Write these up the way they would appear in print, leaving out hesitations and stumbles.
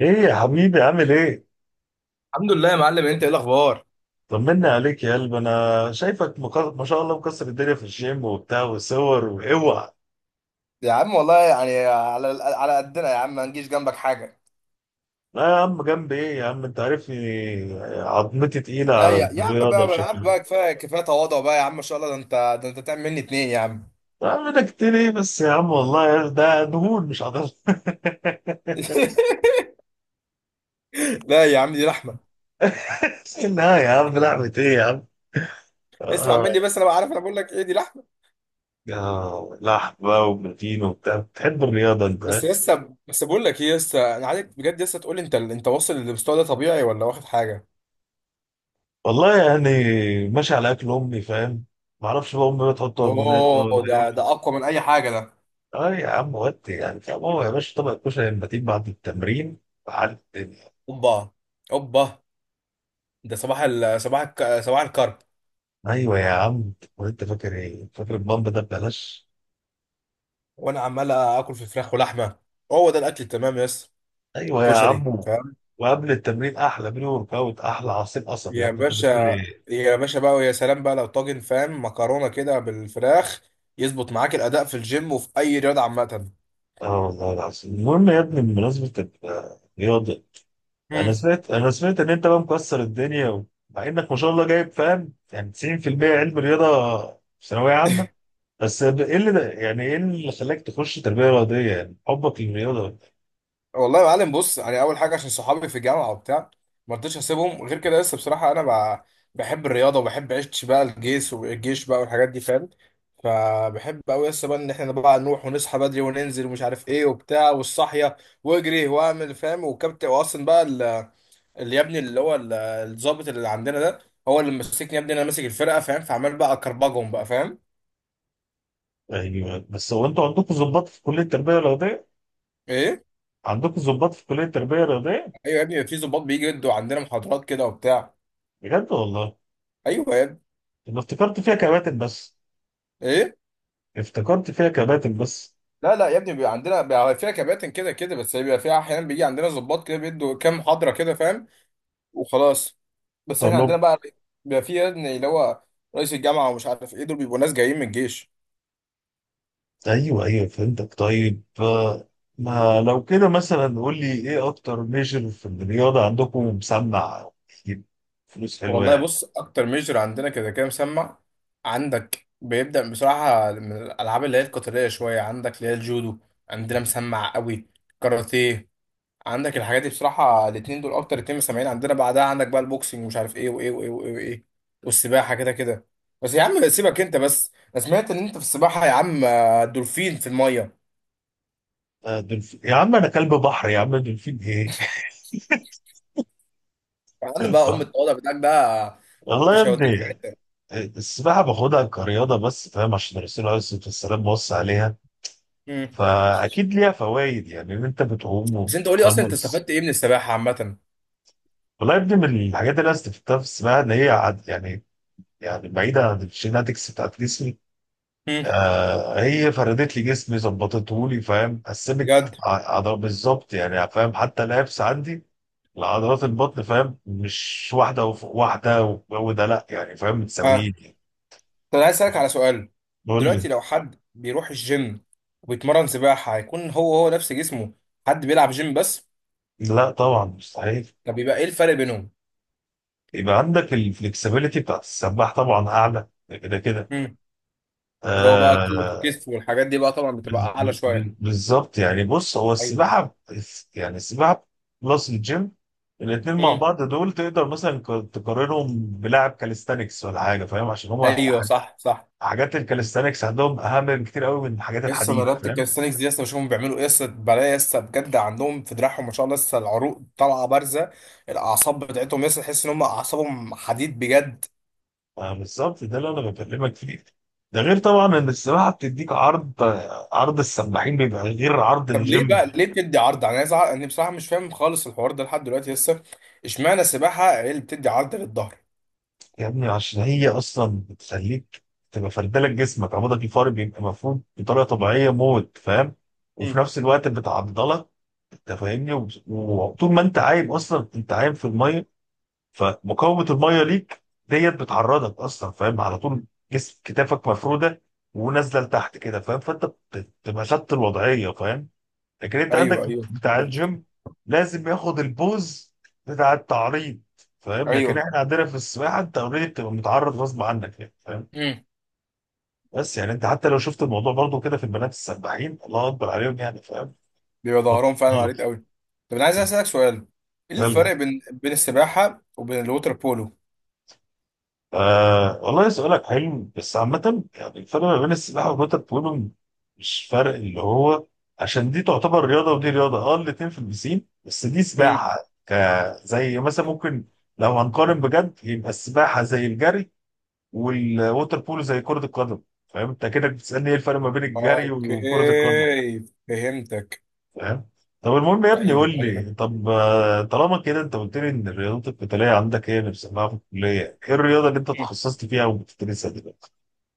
ايه يا حبيبي عامل ايه؟ الحمد لله يا معلم، انت ايه الاخبار؟ طمنا عليك يا قلب، انا شايفك ما شاء الله مكسر الدنيا في الجيم وبتاع وصور واوعى. يا عم والله يعني على قدنا يا عم، ما نجيش جنبك حاجه. لا يا عم، جنب ايه يا عم، انت عارفني. عظمتي تقيلة لا على الرياضة يا عم بشكل بقى كفايه كفايه تواضع بقى يا عم، ما شاء الله، ده انت تعمل مني اتنين يا عم. عام، اعمل كتير ايه بس يا عم، والله ده دهون مش عضلة. لا يا عم، دي رحمه. لا يا عم، لحمة ايه يا عم. اسمع آه. مني بس، انا بقى عارف، انا بقول لك ايه، دي رحمه. آه، لحم بقى وبروتين وبتاع. بتحب الرياضة انت بس ها؟ لسه، بس بقول لك ايه لسه، انا عايزك بجد لسه تقول لي انت واصل للمستوى ده طبيعي ولا واخد حاجه؟ والله يعني ماشي على اكل امي، فاهم. معرفش بقى امي بتحط هرمونات ده ولا اوه، ده ايه. اقوى من اي حاجه ده. اه يا عم، ودي يعني. طب هو يا باشا طبق الكشري لما تيجي بعد التمرين على الدنيا. اوبا. اوبا. ده صباح الكرب. ايوه يا عم، وانت فاكر ايه، فاكر البامب ده ببلاش. وانا عمال اكل في فراخ ولحمه. هو ده الاكل التمام يا اسطى. ايوه يا كشري عم. فاهم. وقبل التمرين احلى بري ورك اوت، احلى عصير قصب، يا يا عم انت باشا. بتقول ايه. يا باشا بقى، ويا سلام بقى لو طاجن فاهم، مكرونه كده بالفراخ، يظبط معاك الاداء في الجيم وفي اي رياضه عامه. اه والله العظيم. المهم يا ابني، بمناسبه الرياضه، مم. انا سمعت ان انت بقى مكسر الدنيا مع انك ما شاء الله جايب فاهم يعني 90% علم رياضه في ثانويه عامه، بس ايه اللي ده، يعني ايه اللي خلاك تخش تربيه رياضيه، يعني حبك للرياضه. والله يا معلم بص، يعني اول حاجه عشان صحابي في الجامعه وبتاع، ما رضيتش اسيبهم غير كده لسه، بصراحه انا بحب الرياضه، وبحب عيش بقى الجيش، والجيش بقى والحاجات دي فاهم. فبحب قوي لسه بقى ان احنا بقى نروح ونصحى بدري وننزل ومش عارف ايه وبتاع، والصحيه، واجري واعمل فاهم، والكابتن واصلا بقى اللي يا ابني، اللي هو الضابط اللي عندنا ده، هو اللي ماسكني يا ابني. انا ماسك الفرقه فاهم، فعمال بقى اكربجهم بقى فاهم. ايوه، بس هو انتوا عندكم ضباط في كليه التربيه الرياضيه؟ ايه. عندكم ضباط في كليه التربيه الرياضيه؟ ايوه يا ابني، في ضباط بيجي يدوا عندنا محاضرات كده وبتاع. بجد والله. ايوه يا ابني. انا افتكرت فيها كباتن بس. ايه. افتكرت فيها كباتن بس. لا لا يا ابني، بيبقى عندنا، بيبقى فيها كباتن كده كده، بس بيبقى فيها احيانا بيجي عندنا ضباط كده بيدوا كام محاضره كده فاهم، وخلاص. بس طب. احنا عندنا بقى، بيبقى فيه يا ابني اللي هو رئيس الجامعه، ومش عارف ايه، دول بيبقوا ناس جايين من الجيش. ايوه ايوه فهمتك، طيب آه، ما لو كده مثلا قول لي ايه اكتر ميجر في الرياضه عندكم مسمع، يجيب فلوس حلوه والله يعني. بص، اكتر ميجر عندنا كده كده مسمع، عندك بيبدا بصراحه من الالعاب اللي هي القتاليه شويه، عندك اللي هي الجودو، عندنا مسمع قوي. كاراتيه. عندك الحاجات دي بصراحة، الاتنين دول أكتر اتنين مسمعين عندنا. بعدها عندك بقى البوكسنج، ومش عارف إيه وإيه وإيه وإيه وإيه، والسباحة كده كده. بس يا عم سيبك أنت، بس أنا سمعت إن أنت في السباحة يا عم دولفين في المية. آه، دولفين يا عم، انا كلب بحر يا عم، دولفين ايه. يا عم بقى، أم التواضع بتاعك ده والله يا مش هيوديك. ابني السباحه باخدها كرياضه بس، فاهم، عشان الرسول عليه الصلاه والسلام وصى عليها، مم. فاكيد ليها فوائد، يعني ان انت بتقوم بس أنت قولي أصلا، أنت وبتتخلص. استفدت إيه من السباحة عامة؟ والله يا ابني من الحاجات اللي انا استفدتها في السباحه ان هي يعني، يعني بعيده عن الجيناتكس بتاعت جسمي، مم. آه، هي فردت لي جسمي، ظبطته لي، فاهم، قسمت بجد؟ عضلات بالظبط يعني، فاهم، حتى الابس عندي لعضلات البطن فاهم، مش واحده وفوق واحده والجو ده، لا يعني فاهم، ها. متساويين يعني. طب أنا عايز أسألك على سؤال، قول لي. دلوقتي لو حد بيروح الجيم وبيتمرن سباحة، هيكون هو نفس جسمه حد بيلعب جيم بس؟ لا طبعا، مستحيل. طب بيبقى إيه الفرق بينهم؟ يبقى عندك الفلكسبيليتي بتاعت السباح طبعا اعلى كده كده. اللي هو بقى كوره آه. الكتف والحاجات دي بقى طبعا بتبقى اعلى شويه. بالظبط يعني. بص هو ايوه. السباحة، يعني السباحة بلس الجيم، الاتنين مع امم. بعض دول تقدر مثلا تقارنهم بلاعب كاليستانكس ولا حاجة، فاهم، عشان هما ايوه صح صح. حاجات الكاليستانكس عندهم أهم بكتير قوي من حاجات لسه انا الحديد، رياضه فاهم. الكاليستانكس دي لسه بشوفهم بيعملوا ايه، لسه بلاقي لسه بجد عندهم في دراعهم ما شاء الله، لسه العروق طالعه بارزه، الاعصاب بتاعتهم لسه تحس ان هم اعصابهم حديد بجد. آه، بالظبط، ده اللي أنا بكلمك فيه. ده غير طبعا إن السباحة بتديك عرض، عرض السباحين بيبقى غير عرض طب ليه الجيم. بقى، ليه بتدي عرض يعني؟ انا عايز اعرف، انا بصراحه مش فاهم خالص الحوار ده لحد دلوقتي لسه. اشمعنى السباحه هي اللي بتدي عرض للظهر؟ يا ابني عشان هي اصلا بتخليك تبقى فردلك جسمك، عمودك الفقري بيبقى مفروض بطريقه طبيعيه موت فاهم، وفي مم. نفس الوقت بتعضلك، انت فاهمني، وطول ما انت عايم اصلا، انت عايم في الميه، فمقاومه الميه ليك ديت بتعرضك اصلا فاهم، على طول جسم كتافك مفروده ونازله لتحت كده فاهم، بتبقى خدت الوضعيه فاهم. لكن انت عندك ايوه ايوه. بتاع الجيم لازم ياخد البوز بتاع التعريض فاهم، لكن ايوه. احنا عندنا في السباحه انت اوريدي بتبقى متعرض غصب عنك يعني فاهم. بس يعني انت حتى لو شفت الموضوع برضو كده في البنات السباحين، الله اكبر عليهم يعني، بيبقى ظهرهم فعلا عريض قوي. طب انا عايز اسالك سؤال، ايه فاهم. الفرق بين السباحه وبين الوتر بولو؟ آه والله سؤالك حلو، بس عامة يعني الفرق ما بين السباحة والوتر بولو مش فرق اللي هو، عشان دي تعتبر رياضة ودي رياضة، اه الاتنين في البسين، بس دي مم. سباحة. ك زي مثلا ممكن، لو هنقارن بجد، يبقى السباحة زي الجري والوتر بولو زي كرة القدم. فاهم انت كده بتسألني ايه الفرق ما بين الجري وكرة القدم. اوكي. فهمتك. فاهم. طب المهم يا ابني، ايوه قول ايوه. لي، طب آه، طالما كده انت قلت لي ان الرياضات القتالية عندك هي اللي بتسمعها في الكلية، ايه الرياضة اللي انت مم. تخصصت فيها وبتدرسها دلوقتي؟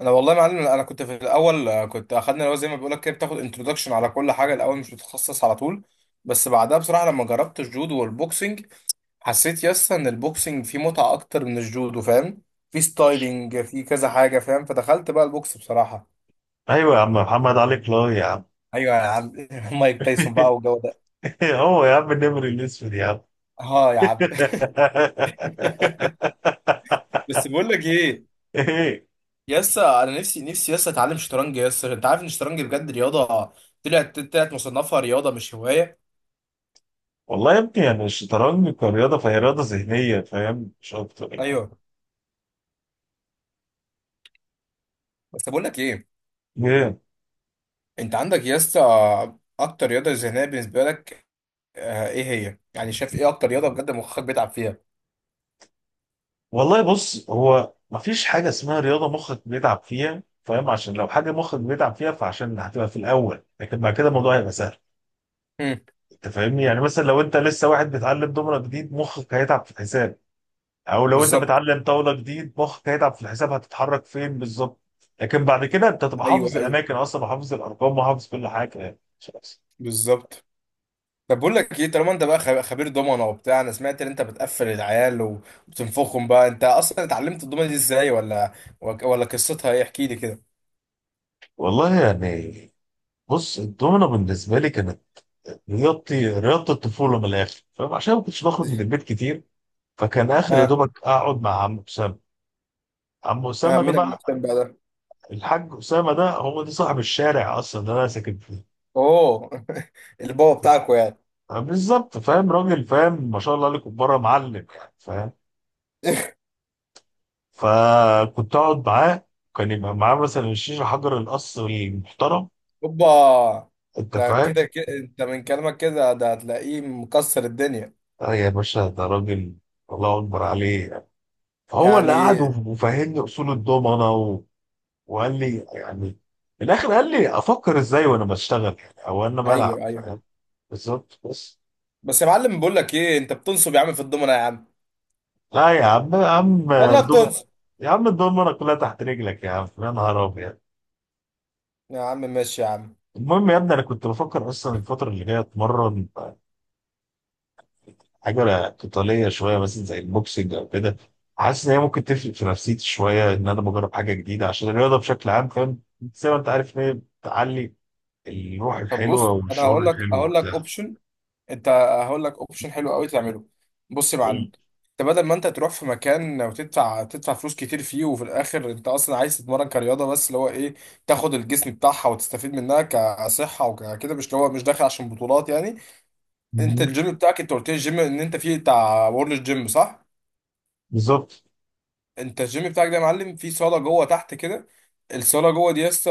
انا والله يا معلم، انا كنت في الاول كنت اخدنا اللي هو زي ما بيقول لك كده، بتاخد انتروداكشن على كل حاجه الاول، مش بتتخصص على طول. بس بعدها بصراحه لما جربت الجودو والبوكسنج، حسيت يس ان البوكسنج فيه متعه اكتر من الجودو فاهم، في ستايلينج، في كذا حاجه فاهم، فدخلت بقى البوكس بصراحه. ايوه يا عم محمد علي كلاي يا عم. ايوه يا عم مايك تايسون بقى والجو. هو يا عم النمر الاسود يا عم. اه يا عم بس بقول لك ايه، ايه. يسا انا نفسي نفسي يسا اتعلم شطرنج، يسا انت عارف ان الشطرنج بجد رياضه، طلعت مصنفها رياضه مش هوايه. والله يا ابني يعني الشطرنج كرياضه فهي رياضه ذهنيه فاهم، مش اكتر يعني. ايوه، بس بقول لك ايه، ايه. انت عندك يسا اكتر رياضه ذهنيه بالنسبه لك، ايه هي يعني؟ شايف ايه اكتر رياضه بجد مخك بيتعب فيها؟ والله بص، هو مفيش حاجه اسمها رياضه مخك بيتعب فيها فاهم، عشان لو حاجه مخك بيتعب فيها فعشان هتبقى في الاول، لكن بعد كده الموضوع هيبقى سهل. امم. انت فاهمني، يعني مثلا لو انت لسه واحد بيتعلم دومره جديد، مخك هيتعب في الحساب، او لو انت بالظبط. بتعلم طاوله جديد مخك هيتعب في الحساب هتتحرك فين بالظبط. لكن بعد كده انت تبقى ايوه حافظ ايوه. الاماكن اصلا وحافظ الارقام وحافظ كل حاجه يعني. خلاص. بالظبط. طب بقول لك ايه، طالما انت بقى خبير دومنه وبتاع، انا سمعت ان انت بتقفل العيال وبتنفخهم بقى، انت اصلا اتعلمت الدومنه دي ازاي، ولا قصتها ايه؟ احكي لي كده. والله يعني، بص الدومينة بالنسبه لي كانت رياضتي، رياضه الطفوله من الاخر، فعشان ما كنتش بخرج من البيت كتير، فكان اخر يا ها. دوبك اقعد مع عم اسامه. عم ها اسامه ده مين بقى المهتم بقى ده؟ الحاج اسامه، ده هو ده صاحب الشارع اصلا ده انا ساكن فيه. اوه البابا بتاعكو يعني. بالظبط فاهم، راجل فاهم ما شاء الله عليكم، بره معلم يعني، فاهم؟ فكنت اقعد معاه، كان يبقى معاه مثلا الشيشه حجر القص المحترم، اوبا. انت ده فاهم. كده كده انت من كلامك كده، ده هتلاقيه مكسر الدنيا. اه يا باشا، ده راجل الله اكبر عليه. فهو اللي قعد يعني. وفهمني اصول الضمنه و... وقال لي يعني، في الاخر قال لي افكر ازاي وانا بشتغل يعني او انا بلعب ايوه ايوه. فاهم. بالظبط بس. بس يا معلم بقول لك ايه، انت بتنصب يا عم في الضمنه يا عم. لا يا عم، يا عم والله الدوم، بتنصب. يا عم الضمنه كلها تحت رجلك يا عم، يا نهار ابيض. يا عم ماشي يا عم. المهم يا ابني، انا كنت بفكر اصلا الفتره اللي جايه اتمرن آه، حاجه قتاليه شويه مثلا زي البوكسنج او كده، حاسس ان هي ممكن تفرق في نفسيتي شويه ان انا بجرب حاجه جديده، عشان الرياضه بشكل عام فاهم، زي ما انت عارف ان هي بتعلي الروح طب الحلوه بص، انا والشعور هقول لك الحلو هقول وبتاع. لك اوبشن، انت، هقول لك اوبشن حلو قوي تعمله. بص يا معلم، انت بدل ما انت تروح في مكان وتدفع تدفع فلوس كتير فيه، وفي الاخر انت اصلا عايز تتمرن كرياضه بس، اللي هو ايه، تاخد الجسم بتاعها وتستفيد منها كصحه وكده، مش اللي هو، مش داخل عشان بطولات يعني. انت مهم. الجيم بتاعك، انت قلت لي الجيم ان انت فيه بتاع وورلد جيم صح؟ بالظبط. انت الجيم بتاعك ده يا معلم، فيه صاله جوه تحت كده. الصاله جوه دي لسه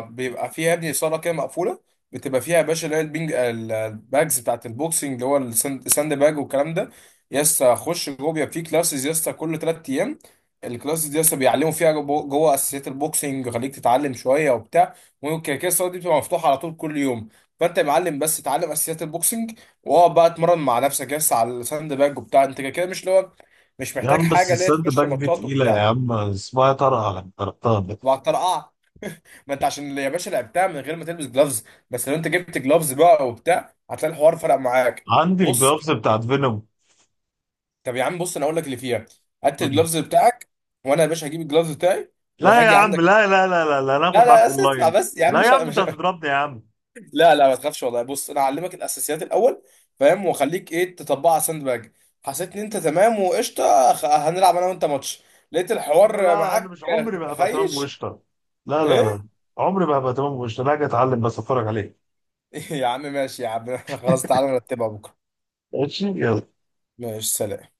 بيبقى فيها يا ابني صاله كده مقفوله، بتبقى فيها يا باشا اللي هي الباجز بتاعت البوكسنج، اللي هو الساند باج والكلام ده. يسا خش جوه، بيبقى فيه كلاسز يسا كل 3 ايام، الكلاسز دي يسا بيعلموا فيها جوه اساسيات البوكسنج، يخليك تتعلم شويه وبتاع. وكده كده الصاله دي بتبقى مفتوحه على طول كل يوم. فانت يا معلم بس اتعلم اساسيات البوكسنج، واقعد بقى اتمرن مع نفسك يس على الساند باج وبتاع، انت كده كده مش اللي هو، مش يا محتاج عم بس حاجه اللي هي الساند تخش باك دي ماتشات تقيله يا وبتاع. عم، اسمها طرقه لما طرقتها ده. وعلى الطرقعه، ما انت عشان يا باشا لعبتها من غير ما تلبس جلافز. بس لو انت جبت جلافز بقى وبتاع، هتلاقي الحوار فرق معاك. عندي بص. الجلوفز بتاعت فينوم. طب يا عم بص، انا اقول لك اللي فيها، هات قول لي. الجلافز بتاعك، وانا يا باشا هجيب الجلافز بتاعي، لا يا وهاجي عم، عندك. لا، انا لا هاخد معاك لا، بس اسمع اونلاين. بس يا عم، لا يا مش عم، انت مش هتضربني يا عم. لا لا، ما تخافش، والله بص انا هعلمك الاساسيات الاول فاهم، واخليك ايه تطبقها على الساند باج. حسيت ان انت تمام وقشطه، هنلعب انا وانت ماتش، لقيت احنا، الحوار لا انا معاك. مش عمري ما هبقى تمام خيش. وقشطه. لا، ايه؟ عمري ما هبقى تمام وقشطه، لا اجي اتعلم بس اتفرج عليه. يا عم ماشي يا عم خلاص، تعالى نرتبها بكره. ماشي يلا. ماشي سلام.